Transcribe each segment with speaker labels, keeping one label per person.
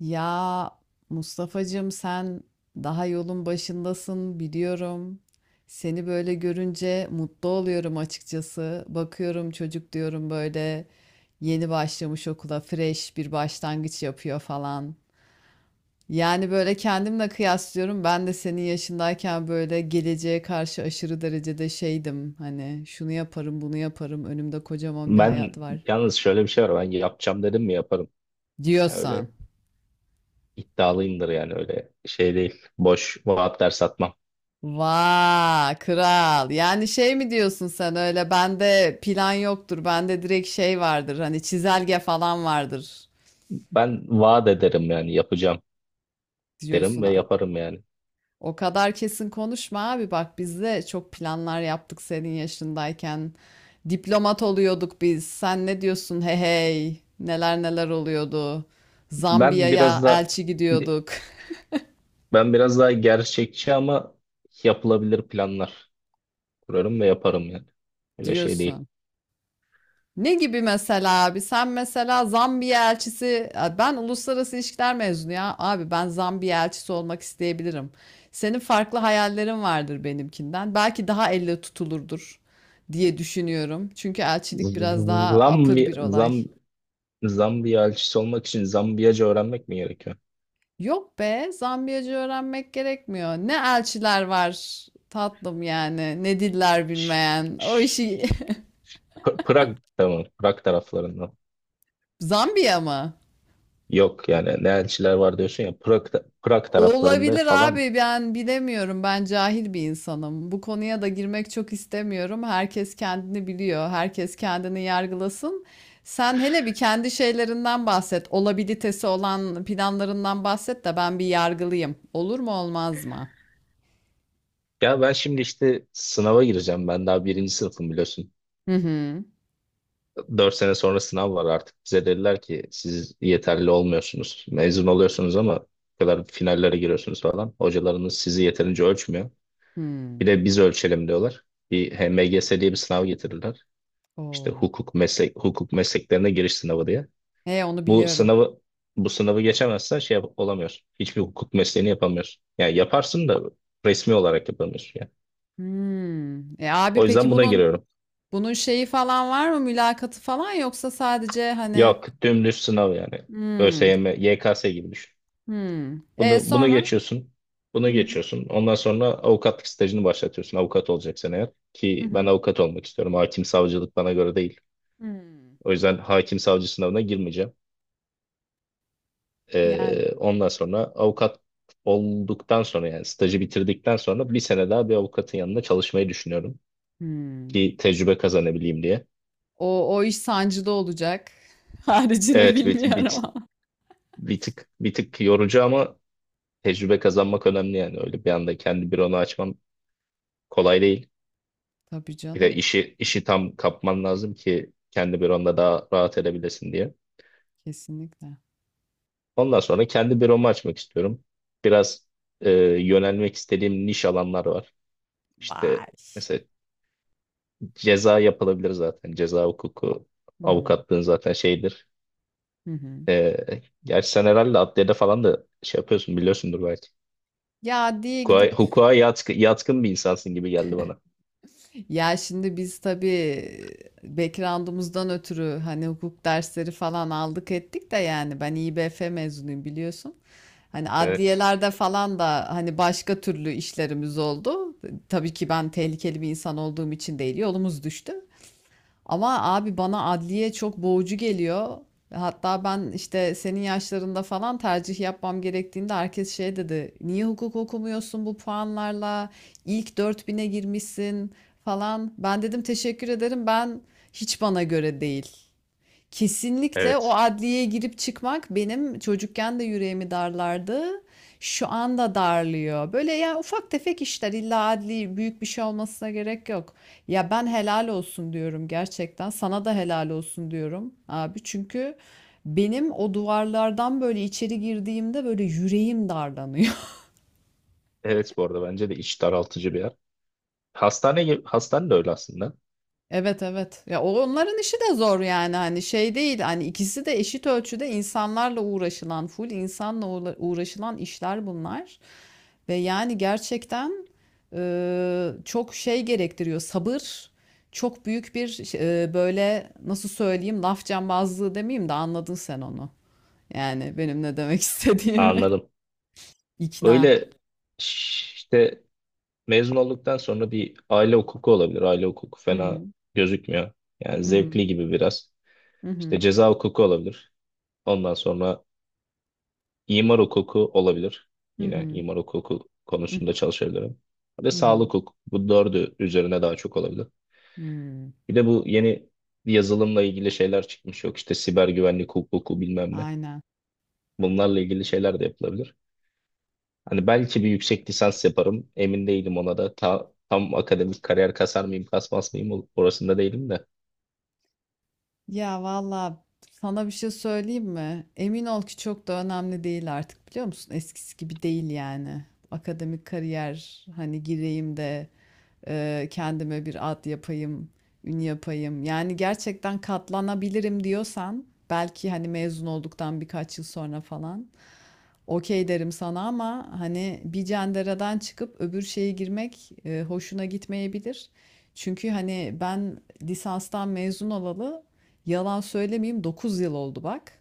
Speaker 1: Ya Mustafa'cığım sen daha yolun başındasın biliyorum. Seni böyle görünce mutlu oluyorum açıkçası. Bakıyorum çocuk diyorum böyle yeni başlamış okula fresh bir başlangıç yapıyor falan. Yani böyle kendimle kıyaslıyorum. Ben de senin yaşındayken böyle geleceğe karşı aşırı derecede şeydim. Hani şunu yaparım, bunu yaparım. Önümde kocaman bir hayat
Speaker 2: Ben
Speaker 1: var
Speaker 2: yalnız şöyle bir şey var. Ben yapacağım dedim mi yaparım. Yani
Speaker 1: diyorsan.
Speaker 2: öyle iddialıyımdır yani öyle şey değil. Boş vaatler satmam.
Speaker 1: Vay kral. Yani şey mi diyorsun sen öyle bende plan yoktur. Bende direkt şey vardır. Hani çizelge falan vardır
Speaker 2: Ben vaat ederim yani yapacağım derim
Speaker 1: diyorsun
Speaker 2: ve
Speaker 1: ha.
Speaker 2: yaparım yani.
Speaker 1: O kadar kesin konuşma abi. Bak biz de çok planlar yaptık senin yaşındayken. Diplomat oluyorduk biz. Sen ne diyorsun? Hey hey. Neler neler oluyordu.
Speaker 2: Ben biraz
Speaker 1: Zambiya'ya
Speaker 2: da
Speaker 1: elçi gidiyorduk
Speaker 2: ben biraz daha gerçekçi ama yapılabilir planlar kurarım ve yaparım yani. Öyle şey değil.
Speaker 1: diyorsun. Ne gibi mesela abi? Sen mesela Zambiya elçisi, ben uluslararası ilişkiler mezunu ya. Abi ben Zambiya elçisi olmak isteyebilirim. Senin farklı hayallerin vardır benimkinden. Belki daha elle tutulurdur diye düşünüyorum. Çünkü elçilik biraz daha apır
Speaker 2: Zambi,
Speaker 1: bir olay.
Speaker 2: Zam, Zambiya elçisi olmak için Zambiyaca öğrenmek mi gerekiyor?
Speaker 1: Yok be, Zambiyacı öğrenmek gerekmiyor. Ne elçiler var tatlım yani, ne diller
Speaker 2: Ş-
Speaker 1: bilmeyen. O
Speaker 2: ş-
Speaker 1: işi
Speaker 2: Prag tamam. Prag taraflarından.
Speaker 1: Zambiya mı?
Speaker 2: Yok yani ne elçiler var diyorsun ya Prag taraflarında
Speaker 1: Olabilir
Speaker 2: falan.
Speaker 1: abi ben bilemiyorum ben cahil bir insanım. Bu konuya da girmek çok istemiyorum. Herkes kendini biliyor. Herkes kendini yargılasın. Sen hele bir kendi şeylerinden bahset. Olabilitesi olan planlarından bahset de ben bir yargılıyım. Olur mu olmaz mı?
Speaker 2: Ya ben şimdi işte sınava gireceğim. Ben daha birinci sınıfım biliyorsun.
Speaker 1: Hı hı.
Speaker 2: Dört sene sonra sınav var artık. Bize dediler ki siz yeterli olmuyorsunuz. Mezun oluyorsunuz ama bu kadar finallere giriyorsunuz falan. Hocalarınız sizi yeterince ölçmüyor.
Speaker 1: Hmm.
Speaker 2: Bir de biz ölçelim diyorlar. Bir HMGS diye bir sınav getirirler. İşte
Speaker 1: Oo.
Speaker 2: hukuk mesleklerine giriş sınavı diye.
Speaker 1: He onu
Speaker 2: Bu
Speaker 1: biliyorum.
Speaker 2: sınavı bu sınavı geçemezsen olamıyorsun. Hiçbir hukuk mesleğini yapamıyorsun. Yani yaparsın da resmi olarak yapamıyorsun yani.
Speaker 1: Hmm. E
Speaker 2: O
Speaker 1: abi peki
Speaker 2: yüzden buna
Speaker 1: bunun
Speaker 2: giriyorum.
Speaker 1: bunun şeyi falan var mı? Mülakatı falan yoksa sadece hani
Speaker 2: Yok dümdüz sınav yani.
Speaker 1: hmm.
Speaker 2: ÖSYM, YKS gibi düşün.
Speaker 1: Hmm. E
Speaker 2: Bunu
Speaker 1: sonra?
Speaker 2: geçiyorsun. Bunu geçiyorsun. Ondan sonra avukatlık stajını başlatıyorsun. Avukat olacaksın eğer.
Speaker 1: Hı
Speaker 2: Ki ben
Speaker 1: hı.
Speaker 2: avukat olmak istiyorum. Hakim savcılık bana göre değil.
Speaker 1: Hımm.
Speaker 2: O yüzden hakim savcı sınavına girmeyeceğim.
Speaker 1: Yani,
Speaker 2: Ondan sonra avukat olduktan sonra yani stajı bitirdikten sonra bir sene daha bir avukatın yanında çalışmayı düşünüyorum
Speaker 1: hımm.
Speaker 2: ki tecrübe kazanabileyim diye.
Speaker 1: O iş sancıda olacak. Haricini
Speaker 2: Evet,
Speaker 1: bilmiyorum ama.
Speaker 2: bir tık bir tık yorucu ama tecrübe kazanmak önemli yani öyle bir anda kendi büronu açman kolay değil.
Speaker 1: Tabii
Speaker 2: Bir de
Speaker 1: canım,
Speaker 2: işi tam kapman lazım ki kendi büronda daha rahat edebilesin diye.
Speaker 1: kesinlikle.
Speaker 2: Ondan sonra kendi büromu açmak istiyorum. Biraz e, yönelmek istediğim niş alanlar var. İşte
Speaker 1: Vay!
Speaker 2: mesela ceza yapılabilir zaten. Ceza hukuku,
Speaker 1: Hı hı.
Speaker 2: avukatlığın zaten şeyidir.
Speaker 1: Hı hı.
Speaker 2: Ee, Gerçi sen herhalde adliyede falan da şey yapıyorsun biliyorsundur belki.
Speaker 1: Ya, diye gidip
Speaker 2: Hukuka yatkın bir insansın gibi geldi bana.
Speaker 1: ya, şimdi biz tabii background'umuzdan ötürü, hani, hukuk dersleri falan aldık ettik de yani ben İBF mezunuyum biliyorsun. Hani,
Speaker 2: Evet,
Speaker 1: adliyelerde falan da, hani, başka türlü işlerimiz oldu. Tabii ki ben tehlikeli bir insan olduğum için değil, yolumuz düştü. Ama abi bana adliye çok boğucu geliyor. Hatta ben işte senin yaşlarında falan tercih yapmam gerektiğinde herkes şey dedi. Niye hukuk okumuyorsun bu puanlarla? İlk dört bin'e girmişsin falan. Ben dedim teşekkür ederim. Ben hiç bana göre değil. Kesinlikle o
Speaker 2: evet.
Speaker 1: adliyeye girip çıkmak benim çocukken de yüreğimi darlardı. Şu anda darlıyor. Böyle ya ufak tefek işler illa adli büyük bir şey olmasına gerek yok. Ya ben helal olsun diyorum gerçekten. Sana da helal olsun diyorum abi. Çünkü benim o duvarlardan böyle içeri girdiğimde böyle yüreğim darlanıyor.
Speaker 2: Evet, bu arada bence de iç daraltıcı bir yer. Hastane gibi, hastane de öyle aslında.
Speaker 1: Evet evet. Ya onların işi de zor yani hani şey değil hani ikisi de eşit ölçüde insanlarla uğraşılan full insanla uğraşılan işler bunlar. Ve yani gerçekten çok şey gerektiriyor sabır çok büyük bir böyle nasıl söyleyeyim laf cambazlığı demeyeyim de anladın sen onu. Yani benim ne demek istediğimi.
Speaker 2: Anladım.
Speaker 1: İkna.
Speaker 2: Öyle işte mezun olduktan sonra bir aile hukuku olabilir. Aile hukuku
Speaker 1: Hı hı,
Speaker 2: fena gözükmüyor. Yani
Speaker 1: hı hı,
Speaker 2: zevkli gibi biraz.
Speaker 1: hı
Speaker 2: İşte
Speaker 1: hı,
Speaker 2: ceza hukuku olabilir. Ondan sonra İmar hukuku olabilir.
Speaker 1: hı
Speaker 2: Yine
Speaker 1: hı,
Speaker 2: imar hukuku
Speaker 1: hı
Speaker 2: konusunda
Speaker 1: hı,
Speaker 2: çalışabilirim. Ve
Speaker 1: hı hı.
Speaker 2: sağlık hukuku. Bu dördü üzerine daha çok olabilir.
Speaker 1: Hmm.
Speaker 2: Bir de bu yeni yazılımla ilgili şeyler çıkmış. Yok işte siber güvenlik hukuku bilmem ne.
Speaker 1: Aynen.
Speaker 2: Bunlarla ilgili şeyler de yapılabilir. Hani belki bir yüksek lisans yaparım. Emin değilim ona da. Tam akademik kariyer kasar mıyım, kasmaz mıyım orasında değilim de.
Speaker 1: Ya valla sana bir şey söyleyeyim mi? Emin ol ki çok da önemli değil artık biliyor musun? Eskisi gibi değil yani. Akademik kariyer hani gireyim de kendime bir ad yapayım, ün yapayım. Yani gerçekten katlanabilirim diyorsan belki hani mezun olduktan birkaç yıl sonra falan. Okey derim sana ama hani bir cenderadan çıkıp öbür şeye girmek hoşuna gitmeyebilir. Çünkü hani ben lisanstan mezun olalı yalan söylemeyeyim 9 yıl oldu bak.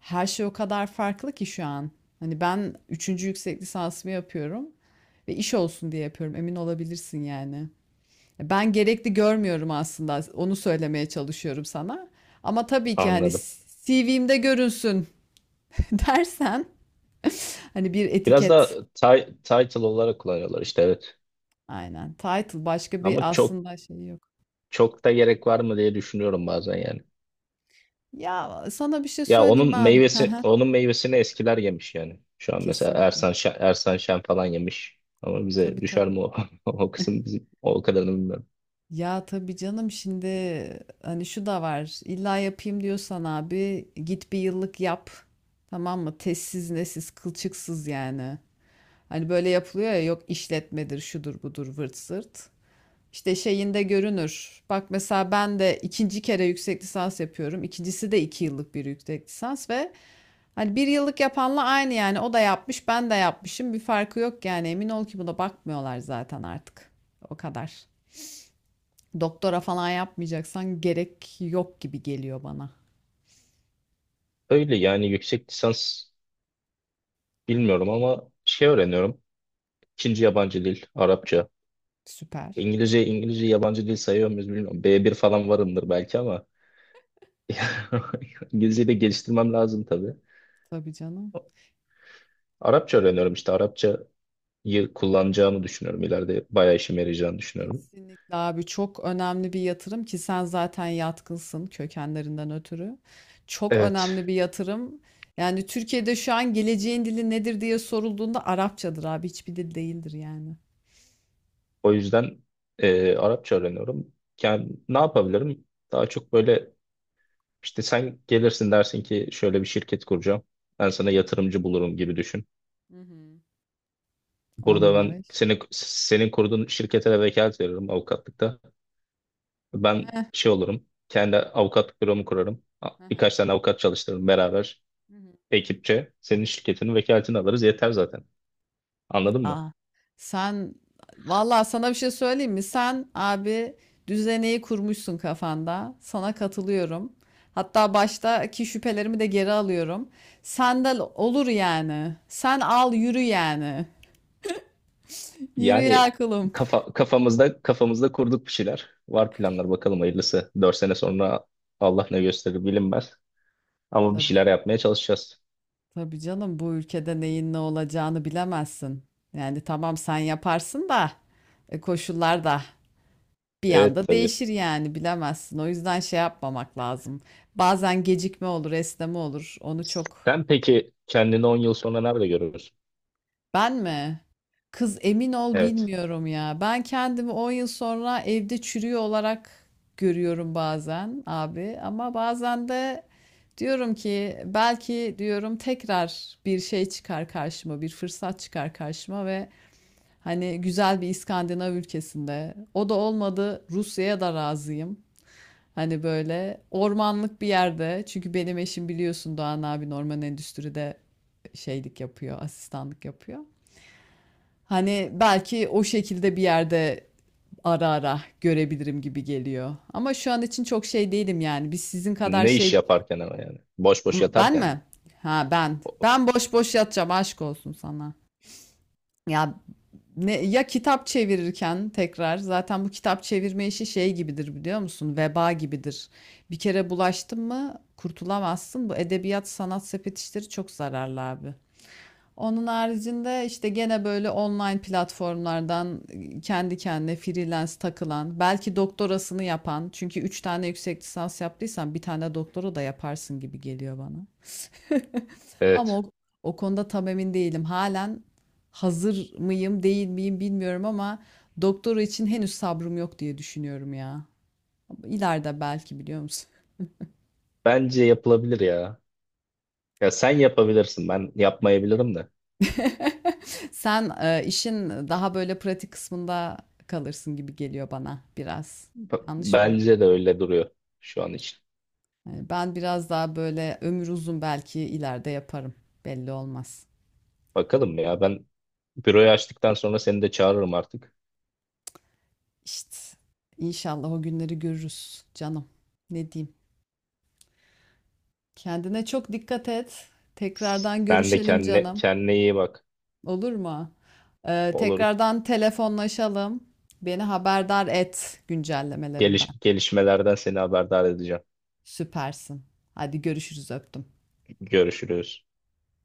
Speaker 1: Her şey o kadar farklı ki şu an. Hani ben üçüncü yüksek lisansımı yapıyorum ve iş olsun diye yapıyorum emin olabilirsin yani. Ben gerekli görmüyorum aslında onu söylemeye çalışıyorum sana. Ama tabii ki hani
Speaker 2: Anladım.
Speaker 1: CV'mde görünsün dersen hani bir
Speaker 2: Biraz da
Speaker 1: etiket.
Speaker 2: title olarak kullanıyorlar işte, evet.
Speaker 1: Aynen. Title başka
Speaker 2: Ama
Speaker 1: bir
Speaker 2: çok
Speaker 1: aslında şey yok.
Speaker 2: çok da gerek var mı diye düşünüyorum bazen yani.
Speaker 1: Ya sana bir şey
Speaker 2: Ya
Speaker 1: söyleyeyim mi abi. Hı hı.
Speaker 2: onun meyvesini eskiler yemiş yani. Şu an mesela
Speaker 1: Kesinlikle.
Speaker 2: Ersan Şen falan yemiş. Ama bize
Speaker 1: Tabii
Speaker 2: düşer
Speaker 1: tabii.
Speaker 2: mi o, o kısım bizim, o kadarını bilmiyorum.
Speaker 1: Ya tabii canım şimdi hani şu da var. İlla yapayım diyorsan abi git bir yıllık yap. Tamam mı? Tezsiz nesiz kılçıksız yani. Hani böyle yapılıyor ya yok işletmedir şudur budur vırt zırt. İşte şeyinde görünür. Bak mesela ben de ikinci kere yüksek lisans yapıyorum. İkincisi de iki yıllık bir yüksek lisans ve hani bir yıllık yapanla aynı yani o da yapmış ben de yapmışım bir farkı yok yani emin ol ki buna bakmıyorlar zaten artık o kadar. Doktora falan yapmayacaksan gerek yok gibi geliyor bana.
Speaker 2: Öyle yani yüksek lisans bilmiyorum ama şey öğreniyorum. İkinci yabancı dil Arapça.
Speaker 1: Süper.
Speaker 2: İngilizce yabancı dil sayıyor muyuz bilmiyorum. B bir falan varımdır belki ama İngilizceyi de geliştirmem lazım tabii.
Speaker 1: Tabii canım.
Speaker 2: Arapça öğreniyorum, işte Arapçayı kullanacağımı düşünüyorum. İleride bayağı işime yarayacağını düşünüyorum.
Speaker 1: Kesinlikle abi çok önemli bir yatırım ki sen zaten yatkınsın kökenlerinden ötürü. Çok
Speaker 2: Evet.
Speaker 1: önemli bir yatırım. Yani Türkiye'de şu an geleceğin dili nedir diye sorulduğunda Arapçadır abi hiçbir dil değildir yani.
Speaker 2: O yüzden Arapça öğreniyorum. Yani ne yapabilirim? Daha çok böyle işte sen gelirsin dersin ki şöyle bir şirket kuracağım. Ben
Speaker 1: Hı
Speaker 2: sana
Speaker 1: hı.
Speaker 2: yatırımcı bulurum gibi düşün.
Speaker 1: Hı hı. 10
Speaker 2: Burada
Speaker 1: numara
Speaker 2: ben
Speaker 1: iş.
Speaker 2: senin kurduğun şirkete de vekalet veririm avukatlıkta. Ben şey olurum. Kendi avukatlık büromu kurarım.
Speaker 1: Hı
Speaker 2: Birkaç
Speaker 1: hı.
Speaker 2: tane avukat çalıştırırım beraber
Speaker 1: Hı hı.
Speaker 2: ekipçe. Senin şirketinin vekaletini alırız yeter zaten. Anladın mı?
Speaker 1: Aa, sen vallahi sana bir şey söyleyeyim mi? Sen abi düzeneyi kurmuşsun kafanda. Sana katılıyorum. Hatta baştaki şüphelerimi de geri alıyorum. Sandal olur yani. Sen al yürü yani. Yürü ya
Speaker 2: Yani
Speaker 1: kulum.
Speaker 2: kafamızda kafamızda kurduk bir şeyler. Var planlar, bakalım hayırlısı. Dört sene sonra Allah ne gösterir bilinmez. Ama bir şeyler yapmaya çalışacağız.
Speaker 1: Tabii canım bu ülkede neyin ne olacağını bilemezsin. Yani tamam sen yaparsın da koşullar da bir
Speaker 2: Evet
Speaker 1: anda
Speaker 2: tabii.
Speaker 1: değişir yani bilemezsin. O yüzden şey yapmamak lazım. Bazen gecikme olur, esneme olur. Onu çok.
Speaker 2: Sen peki kendini 10 yıl sonra nerede görürsün?
Speaker 1: Ben mi? Kız emin ol
Speaker 2: Evet.
Speaker 1: bilmiyorum ya. Ben kendimi 10 yıl sonra evde çürüyor olarak görüyorum bazen abi. Ama bazen de diyorum ki belki diyorum tekrar bir şey çıkar karşıma, bir fırsat çıkar karşıma ve hani güzel bir İskandinav ülkesinde. O da olmadı Rusya'ya da razıyım. Hani böyle ormanlık bir yerde. Çünkü benim eşim biliyorsun Doğan abi orman endüstride şeylik yapıyor, asistanlık yapıyor. Hani belki o şekilde bir yerde ara ara görebilirim gibi geliyor. Ama şu an için çok şey değilim yani. Biz sizin kadar
Speaker 2: Ne iş
Speaker 1: şey...
Speaker 2: yaparken ama yani? Boş boş
Speaker 1: Ben
Speaker 2: yatarken mi?
Speaker 1: mi? Ha ben. Ben boş boş yatacağım aşk olsun sana. Ya ne ya kitap çevirirken tekrar zaten bu kitap çevirme işi şey gibidir biliyor musun? Veba gibidir. Bir kere bulaştın mı kurtulamazsın. Bu edebiyat sanat sepet işleri çok zararlı abi. Onun haricinde işte gene böyle online platformlardan kendi kendine freelance takılan, belki doktorasını yapan. Çünkü 3 tane yüksek lisans yaptıysan bir tane doktora da yaparsın gibi geliyor bana. Ama
Speaker 2: Evet.
Speaker 1: o konuda tam emin değilim. Halen hazır mıyım, değil miyim bilmiyorum ama doktora için henüz sabrım yok diye düşünüyorum ya. İleride belki biliyor musun?
Speaker 2: Bence yapılabilir ya. Ya sen yapabilirsin. Ben yapmayabilirim de.
Speaker 1: Sen işin daha böyle pratik kısmında kalırsın gibi geliyor bana biraz. Yanlış mıyım?
Speaker 2: Bence de öyle duruyor şu an için.
Speaker 1: Yani ben biraz daha böyle ömür uzun belki ileride yaparım. Belli olmaz.
Speaker 2: Bakalım ya, ben büroyu açtıktan sonra seni de çağırırım artık.
Speaker 1: İşte inşallah o günleri görürüz canım. Ne diyeyim? Kendine çok dikkat et. Tekrardan
Speaker 2: Sen de
Speaker 1: görüşelim canım.
Speaker 2: kendine iyi bak.
Speaker 1: Olur mu?
Speaker 2: Olur.
Speaker 1: Tekrardan telefonlaşalım. Beni haberdar et güncellemelerinden.
Speaker 2: Gelişmelerden seni haberdar edeceğim.
Speaker 1: Süpersin. Hadi görüşürüz öptüm.
Speaker 2: Görüşürüz.